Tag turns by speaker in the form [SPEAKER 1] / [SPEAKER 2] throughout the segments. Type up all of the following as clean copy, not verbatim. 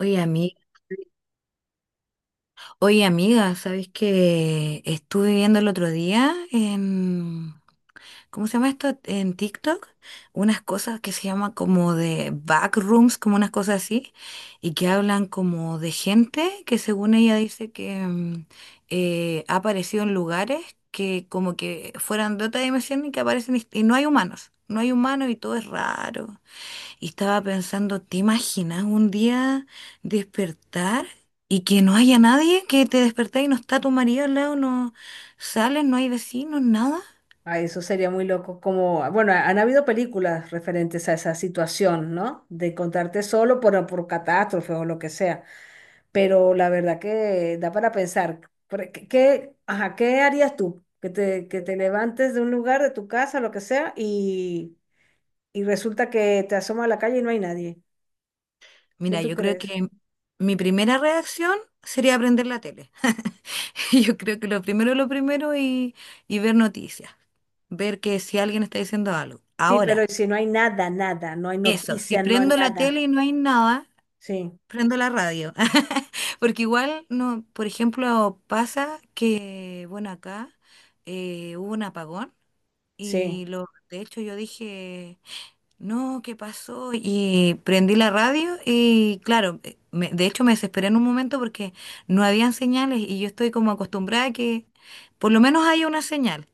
[SPEAKER 1] Oye, ami- Oye, amiga, ¿sabes que estuve viendo el otro día en, ¿cómo se llama esto? En TikTok, unas cosas que se llama como de backrooms, como unas cosas así, y que hablan como de gente que según ella dice que ha aparecido en lugares que como que fueran de otra dimensión y que aparecen y no hay humanos, no hay humanos y todo es raro. Y estaba pensando, ¿te imaginas un día despertar y que no haya nadie? Que te despertás y no está tu marido al lado, no sales, no hay vecinos, nada.
[SPEAKER 2] Ay, eso sería muy loco. Como, bueno, han habido películas referentes a esa situación, ¿no? De encontrarte solo por catástrofe o lo que sea. Pero la verdad que da para pensar. ¿Qué harías tú? Que te levantes de un lugar, de tu casa, lo que sea, y resulta que te asomas a la calle y no hay nadie. ¿Qué
[SPEAKER 1] Mira,
[SPEAKER 2] tú
[SPEAKER 1] yo creo
[SPEAKER 2] crees?
[SPEAKER 1] que mi primera reacción sería prender la tele. Yo creo que lo primero y ver noticias, ver que si alguien está diciendo algo.
[SPEAKER 2] Sí, pero
[SPEAKER 1] Ahora,
[SPEAKER 2] si no hay nada, nada, no hay
[SPEAKER 1] eso, si
[SPEAKER 2] noticia, no hay
[SPEAKER 1] prendo la
[SPEAKER 2] nada.
[SPEAKER 1] tele y no hay nada,
[SPEAKER 2] Sí,
[SPEAKER 1] prendo la radio. Porque igual, no, por ejemplo, pasa que, bueno, acá hubo un apagón
[SPEAKER 2] sí.
[SPEAKER 1] y lo, de hecho yo dije, no, ¿qué pasó? Y prendí la radio y claro, de hecho me desesperé en un momento porque no habían señales y yo estoy como acostumbrada a que por lo menos haya una señal.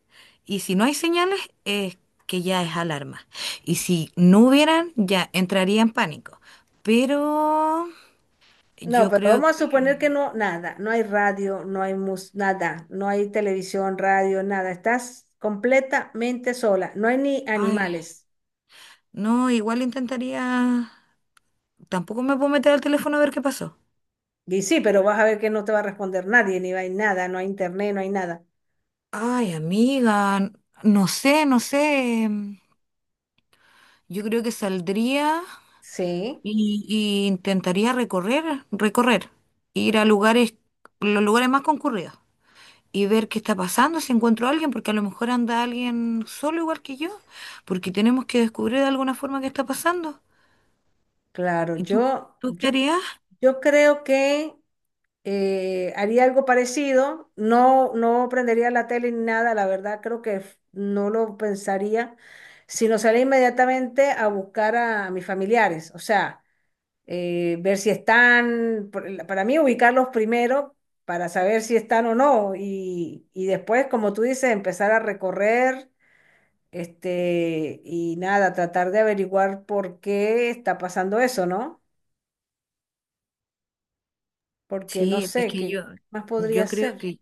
[SPEAKER 1] Y si no hay señales, es que ya es alarma. Y si no hubieran, ya entraría en pánico. Pero
[SPEAKER 2] No,
[SPEAKER 1] yo
[SPEAKER 2] pero
[SPEAKER 1] creo
[SPEAKER 2] vamos a
[SPEAKER 1] que...
[SPEAKER 2] suponer que no, nada, no hay radio, no hay mus, nada, no hay televisión, radio, nada, estás completamente sola, no hay ni
[SPEAKER 1] ay,
[SPEAKER 2] animales.
[SPEAKER 1] no, igual intentaría. Tampoco me puedo meter al teléfono a ver qué pasó.
[SPEAKER 2] Y sí, pero vas a ver que no te va a responder nadie, ni hay nada, no hay internet, no hay nada.
[SPEAKER 1] Ay, amiga, no sé, no sé. Yo creo que saldría
[SPEAKER 2] Sí,
[SPEAKER 1] y intentaría recorrer, ir a lugares, los lugares más concurridos y ver qué está pasando, si encuentro a alguien, porque a lo mejor anda alguien solo igual que yo, porque tenemos que descubrir de alguna forma qué está pasando.
[SPEAKER 2] claro,
[SPEAKER 1] ¿Y tú,
[SPEAKER 2] yo,
[SPEAKER 1] tú
[SPEAKER 2] yo,
[SPEAKER 1] qué harías?
[SPEAKER 2] yo creo que haría algo parecido, no, no prendería la tele ni nada, la verdad creo que no lo pensaría, sino salir inmediatamente a buscar a mis familiares, o sea. Ver si están, para mí ubicarlos primero para saber si están o no y, y después, como tú dices, empezar a recorrer este, y nada, tratar de averiguar por qué está pasando eso, ¿no? Porque no
[SPEAKER 1] Sí, es
[SPEAKER 2] sé,
[SPEAKER 1] que
[SPEAKER 2] ¿qué
[SPEAKER 1] yo,
[SPEAKER 2] más podría
[SPEAKER 1] yo creo
[SPEAKER 2] ser?
[SPEAKER 1] que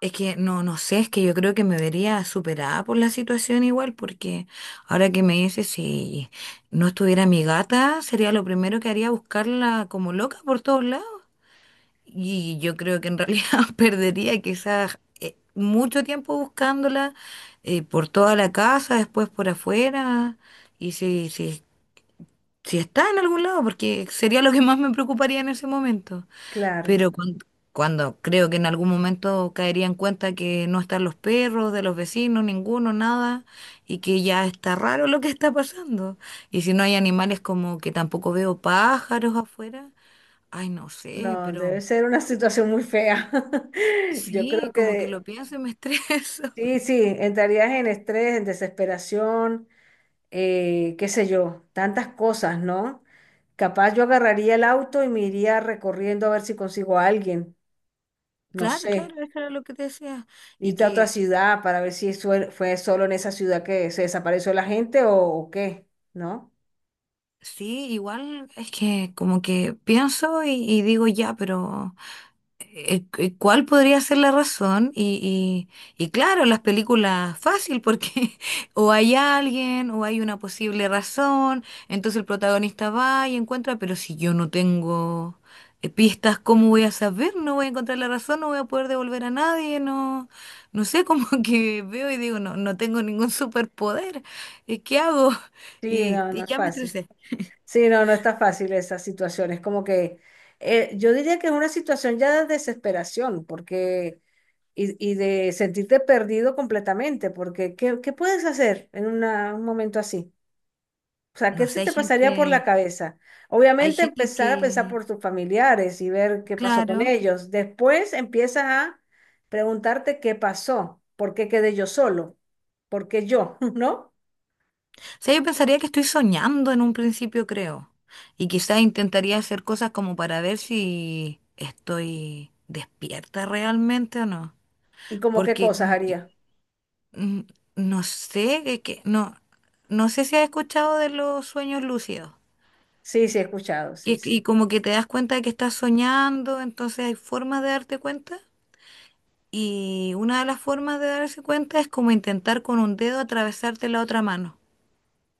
[SPEAKER 1] es que no, no sé, es que yo creo que me vería superada por la situación igual, porque ahora que me dices, si no estuviera mi gata, sería lo primero que haría buscarla como loca por todos lados. Y yo creo que en realidad perdería quizás mucho tiempo buscándola por toda la casa, después por afuera, y si, si, si está en algún lado, porque sería lo que más me preocuparía en ese momento.
[SPEAKER 2] Claro,
[SPEAKER 1] Pero cuan- Cuando, creo que en algún momento caería en cuenta que no están los perros de los vecinos, ninguno, nada, y que ya está raro lo que está pasando. Y si no hay animales como que tampoco veo pájaros afuera, ay, no sé,
[SPEAKER 2] no, debe
[SPEAKER 1] pero
[SPEAKER 2] ser una situación muy fea. Yo creo
[SPEAKER 1] sí, como que lo
[SPEAKER 2] que
[SPEAKER 1] pienso y me estreso.
[SPEAKER 2] sí, sí, entrarías en estrés, en desesperación. Qué sé yo, tantas cosas, ¿no? Capaz yo agarraría el auto y me iría recorriendo a ver si consigo a alguien, no
[SPEAKER 1] Claro,
[SPEAKER 2] sé,
[SPEAKER 1] claro, eso era lo que te decía. Y
[SPEAKER 2] irte a otra
[SPEAKER 1] que
[SPEAKER 2] ciudad para ver si fue solo en esa ciudad que se desapareció la gente o qué, ¿no?
[SPEAKER 1] sí, igual es que como que pienso y digo ya, pero... ¿Cuál podría ser la razón? Y claro, las películas fácil porque o hay alguien o hay una posible razón, entonces el protagonista va y encuentra, pero si yo no tengo pistas, ¿cómo voy a saber? No voy a encontrar la razón, no voy a poder devolver a nadie, no, no sé, como que veo y digo, no, no tengo ningún superpoder, ¿qué hago?
[SPEAKER 2] Sí,
[SPEAKER 1] Y,
[SPEAKER 2] no, no
[SPEAKER 1] y
[SPEAKER 2] es
[SPEAKER 1] ya me
[SPEAKER 2] fácil.
[SPEAKER 1] estresé.
[SPEAKER 2] Sí, no, no está fácil esa situación. Es como que yo diría que es una situación ya de desesperación, porque y de sentirte perdido completamente, porque ¿qué, qué puedes hacer en un momento así? O sea, ¿qué
[SPEAKER 1] No
[SPEAKER 2] se
[SPEAKER 1] sé,
[SPEAKER 2] te pasaría por la cabeza?
[SPEAKER 1] hay
[SPEAKER 2] Obviamente
[SPEAKER 1] gente
[SPEAKER 2] empezar a pensar
[SPEAKER 1] que,
[SPEAKER 2] por tus familiares y ver qué pasó con
[SPEAKER 1] claro.
[SPEAKER 2] ellos. Después empiezas a preguntarte qué pasó, por qué quedé yo solo, por qué yo, ¿no?
[SPEAKER 1] O sea, yo pensaría que estoy soñando en un principio, creo. Y quizás intentaría hacer cosas como para ver si estoy despierta realmente o no.
[SPEAKER 2] Y como qué
[SPEAKER 1] Porque
[SPEAKER 2] cosas
[SPEAKER 1] como que,
[SPEAKER 2] haría.
[SPEAKER 1] mm, no sé, no, no sé si has escuchado de los sueños lúcidos.
[SPEAKER 2] Sí, sí, he escuchado, sí,
[SPEAKER 1] Que, y
[SPEAKER 2] sí.
[SPEAKER 1] como que te das cuenta de que estás soñando, entonces hay formas de darte cuenta. Y una de las formas de darse cuenta es como intentar con un dedo atravesarte la otra mano.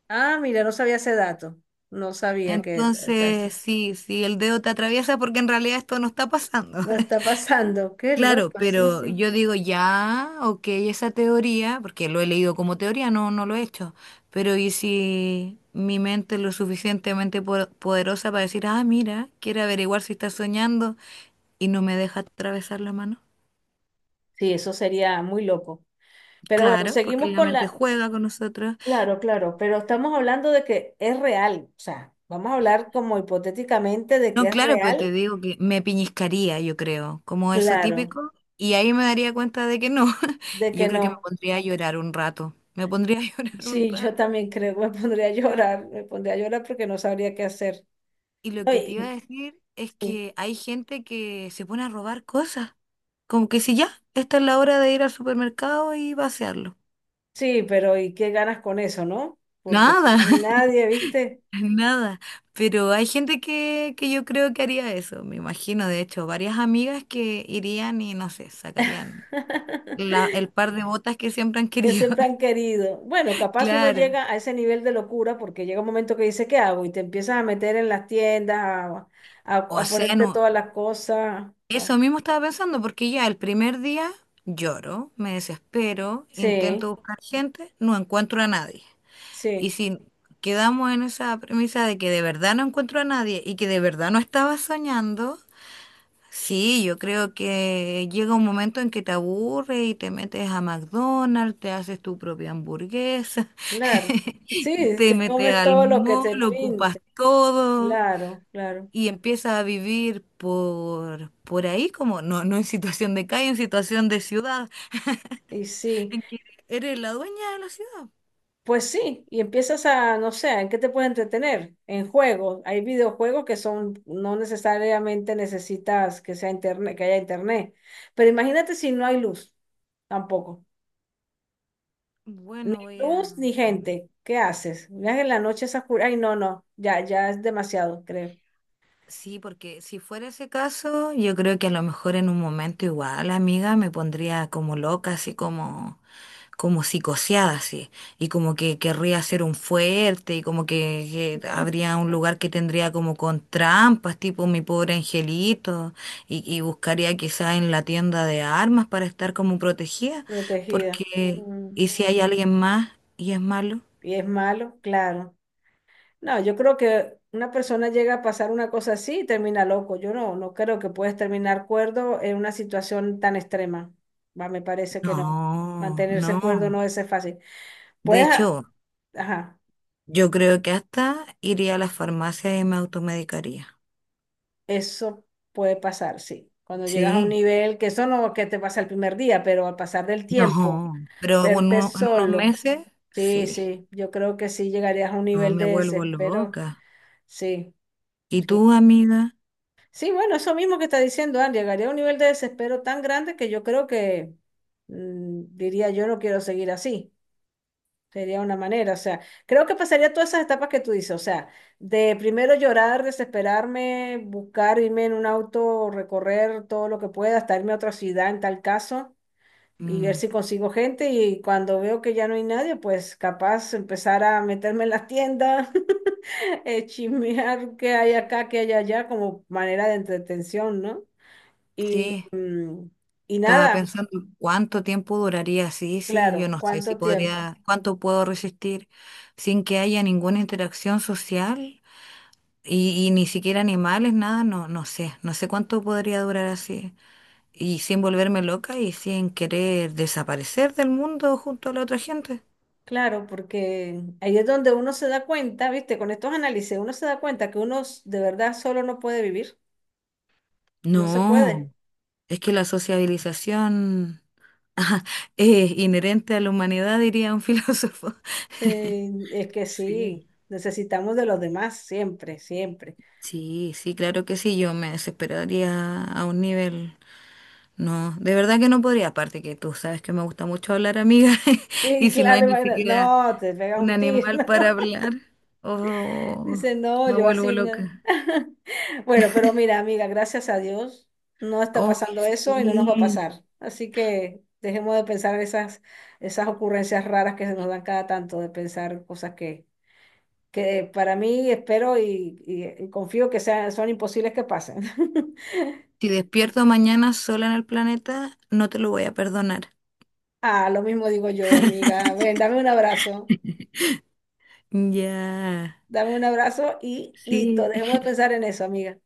[SPEAKER 2] Ah, mira, no sabía ese dato. No sabía que es eso.
[SPEAKER 1] Entonces, sí, sí, el dedo te atraviesa porque en realidad esto no está pasando.
[SPEAKER 2] No está pasando. Qué
[SPEAKER 1] Claro,
[SPEAKER 2] loco, sí,
[SPEAKER 1] pero
[SPEAKER 2] sí.
[SPEAKER 1] yo digo ya, ok, esa teoría, porque lo he leído como teoría, no, no lo he hecho, pero ¿y si mi mente es lo suficientemente poderosa para decir, ah, mira, quiere averiguar si está soñando y no me deja atravesar la mano?
[SPEAKER 2] Sí, eso sería muy loco. Pero bueno,
[SPEAKER 1] Claro, porque
[SPEAKER 2] seguimos
[SPEAKER 1] la
[SPEAKER 2] con
[SPEAKER 1] mente
[SPEAKER 2] la,
[SPEAKER 1] juega con nosotros.
[SPEAKER 2] claro, claro, pero estamos hablando de que es real, o sea, vamos a hablar como hipotéticamente de que
[SPEAKER 1] No,
[SPEAKER 2] es
[SPEAKER 1] claro, pero te
[SPEAKER 2] real,
[SPEAKER 1] digo que me piñiscaría, yo creo, como eso
[SPEAKER 2] claro,
[SPEAKER 1] típico, y ahí me daría cuenta de que no.
[SPEAKER 2] de
[SPEAKER 1] Y
[SPEAKER 2] que
[SPEAKER 1] yo creo que me
[SPEAKER 2] no.
[SPEAKER 1] pondría a llorar un rato. Me pondría a llorar un
[SPEAKER 2] Sí, yo
[SPEAKER 1] rato.
[SPEAKER 2] también creo, me pondría a
[SPEAKER 1] Esteban.
[SPEAKER 2] llorar, me pondría a llorar porque no sabría qué hacer.
[SPEAKER 1] Y lo
[SPEAKER 2] No,
[SPEAKER 1] que te
[SPEAKER 2] y-
[SPEAKER 1] iba a decir es
[SPEAKER 2] Sí,
[SPEAKER 1] que hay gente que se pone a robar cosas. Como que si ya, esta es la hora de ir al supermercado y vaciarlo.
[SPEAKER 2] sí, pero ¿y qué ganas con eso, no? Porque si
[SPEAKER 1] Nada,
[SPEAKER 2] no hay nadie, ¿viste?
[SPEAKER 1] nada. Pero hay gente que yo creo que haría eso. Me imagino, de hecho, varias amigas que irían y no sé, sacarían el par de botas que siempre han
[SPEAKER 2] Que
[SPEAKER 1] querido.
[SPEAKER 2] siempre han querido. Bueno, capaz uno
[SPEAKER 1] Claro.
[SPEAKER 2] llega a ese nivel de locura porque llega un momento que dice, ¿qué hago? Y te empiezas a meter en las tiendas, a, a-
[SPEAKER 1] O
[SPEAKER 2] a
[SPEAKER 1] sea,
[SPEAKER 2] ponerte
[SPEAKER 1] no,
[SPEAKER 2] todas las cosas. Ah,
[SPEAKER 1] eso mismo estaba pensando, porque ya el primer día lloro, me desespero,
[SPEAKER 2] sí,
[SPEAKER 1] intento buscar gente, no encuentro a nadie. Y
[SPEAKER 2] sí,
[SPEAKER 1] si quedamos en esa premisa de que de verdad no encuentro a nadie y que de verdad no estaba soñando, sí, yo creo que llega un momento en que te aburre y te metes a McDonald's, te haces tu propia hamburguesa,
[SPEAKER 2] claro. Sí,
[SPEAKER 1] te
[SPEAKER 2] te
[SPEAKER 1] metes
[SPEAKER 2] comes
[SPEAKER 1] al
[SPEAKER 2] todo lo que
[SPEAKER 1] mall,
[SPEAKER 2] te
[SPEAKER 1] ocupas
[SPEAKER 2] pinte.
[SPEAKER 1] todo.
[SPEAKER 2] Claro, claro.
[SPEAKER 1] Y empiezas a vivir por ahí, como no, no en situación de calle, en situación de ciudad,
[SPEAKER 2] Y sí,
[SPEAKER 1] en que eres la dueña de la ciudad.
[SPEAKER 2] pues sí, y empiezas a, no sé, ¿en qué te puedes entretener? En juegos. Hay videojuegos que son, no necesariamente necesitas que haya internet. Pero imagínate si no hay luz, tampoco. Ni
[SPEAKER 1] Bueno, voy a...
[SPEAKER 2] luz ni
[SPEAKER 1] mm,
[SPEAKER 2] gente. ¿Qué haces? Miras en la noche esa oscura. Ay, no, no. Ya, ya es demasiado, creo.
[SPEAKER 1] sí, porque si fuera ese caso, yo creo que a lo mejor en un momento igual, amiga, me pondría como loca, así como... como psicoseada, sí, y como que querría hacer un fuerte, y como que habría un lugar que tendría como con trampas, tipo mi pobre angelito, y buscaría quizá en la tienda de armas para estar como protegida,
[SPEAKER 2] Protegida.
[SPEAKER 1] porque, ¿y si hay alguien más y es malo?
[SPEAKER 2] Y es malo, claro. No, yo creo que una persona llega a pasar una cosa así y termina loco. Yo no, no creo que puedes terminar cuerdo en una situación tan extrema. Va, me parece que no.
[SPEAKER 1] No,
[SPEAKER 2] Mantenerse
[SPEAKER 1] no.
[SPEAKER 2] cuerdo no es fácil.
[SPEAKER 1] De
[SPEAKER 2] Puedes, a-
[SPEAKER 1] hecho,
[SPEAKER 2] ajá,
[SPEAKER 1] yo creo que hasta iría a la farmacia y me automedicaría.
[SPEAKER 2] eso puede pasar, sí. Cuando llegas a un
[SPEAKER 1] Sí,
[SPEAKER 2] nivel, que eso no que te pasa el primer día, pero al pasar del tiempo.
[SPEAKER 1] no, pero en
[SPEAKER 2] Verte
[SPEAKER 1] en unos
[SPEAKER 2] solo.
[SPEAKER 1] meses,
[SPEAKER 2] Sí,
[SPEAKER 1] sí.
[SPEAKER 2] sí, yo creo que sí llegarías a un
[SPEAKER 1] No
[SPEAKER 2] nivel
[SPEAKER 1] me
[SPEAKER 2] de
[SPEAKER 1] vuelvo
[SPEAKER 2] desespero.
[SPEAKER 1] loca.
[SPEAKER 2] Sí,
[SPEAKER 1] ¿Y
[SPEAKER 2] sí.
[SPEAKER 1] tú, amiga?
[SPEAKER 2] Sí, bueno, eso mismo que está diciendo Andy, llegaría a un nivel de desespero tan grande que yo creo que diría yo no quiero seguir así. Sería una manera, o sea, creo que pasaría todas esas etapas que tú dices, o sea, de primero llorar, desesperarme, buscar irme en un auto, recorrer todo lo que pueda, hasta irme a otra ciudad en tal caso y ver
[SPEAKER 1] Mm,
[SPEAKER 2] si consigo gente y cuando veo que ya no hay nadie, pues capaz empezar a meterme en la tienda, chismear qué hay acá, qué hay allá, como manera de entretención, ¿no? Y,
[SPEAKER 1] sí,
[SPEAKER 2] y
[SPEAKER 1] estaba
[SPEAKER 2] nada,
[SPEAKER 1] pensando cuánto tiempo duraría así, sí, yo
[SPEAKER 2] claro,
[SPEAKER 1] no sé si
[SPEAKER 2] ¿cuánto tiempo?
[SPEAKER 1] podría, cuánto puedo resistir sin que haya ninguna interacción social y ni siquiera animales, nada, no, no sé, no sé cuánto podría durar así y sin volverme loca y sin querer desaparecer del mundo junto a la otra gente.
[SPEAKER 2] Claro, porque ahí es donde uno se da cuenta, ¿viste? Con estos análisis uno se da cuenta que de verdad solo no puede vivir, no se puede.
[SPEAKER 1] No, es que la sociabilización es inherente a la humanidad, diría un filósofo.
[SPEAKER 2] Es que
[SPEAKER 1] Sí,
[SPEAKER 2] sí, necesitamos de los demás siempre, siempre.
[SPEAKER 1] sí, sí, claro que sí, yo me desesperaría a un nivel. No, de verdad que no podría, aparte que tú sabes que me gusta mucho hablar, amiga,
[SPEAKER 2] Sí,
[SPEAKER 1] y si no hay
[SPEAKER 2] claro,
[SPEAKER 1] ni
[SPEAKER 2] imagínate.
[SPEAKER 1] siquiera
[SPEAKER 2] No, te pegas
[SPEAKER 1] un
[SPEAKER 2] un tiro.
[SPEAKER 1] animal para hablar, oh,
[SPEAKER 2] Dice, no,
[SPEAKER 1] me
[SPEAKER 2] yo
[SPEAKER 1] vuelvo
[SPEAKER 2] así no.
[SPEAKER 1] loca.
[SPEAKER 2] Bueno, pero mira, amiga, gracias a Dios no está
[SPEAKER 1] Oh,
[SPEAKER 2] pasando eso y no nos va a
[SPEAKER 1] sí.
[SPEAKER 2] pasar. Así que dejemos de pensar esas, esas ocurrencias raras que se nos dan cada tanto, de pensar cosas que para mí espero y confío que sean, son imposibles que pasen.
[SPEAKER 1] Si despierto mañana sola en el planeta, no te lo voy a perdonar.
[SPEAKER 2] Ah, lo mismo digo yo, amiga. Ven, dame un abrazo.
[SPEAKER 1] Ya,
[SPEAKER 2] Dame un abrazo y listo,
[SPEAKER 1] sí.
[SPEAKER 2] dejemos de pensar en eso, amiga.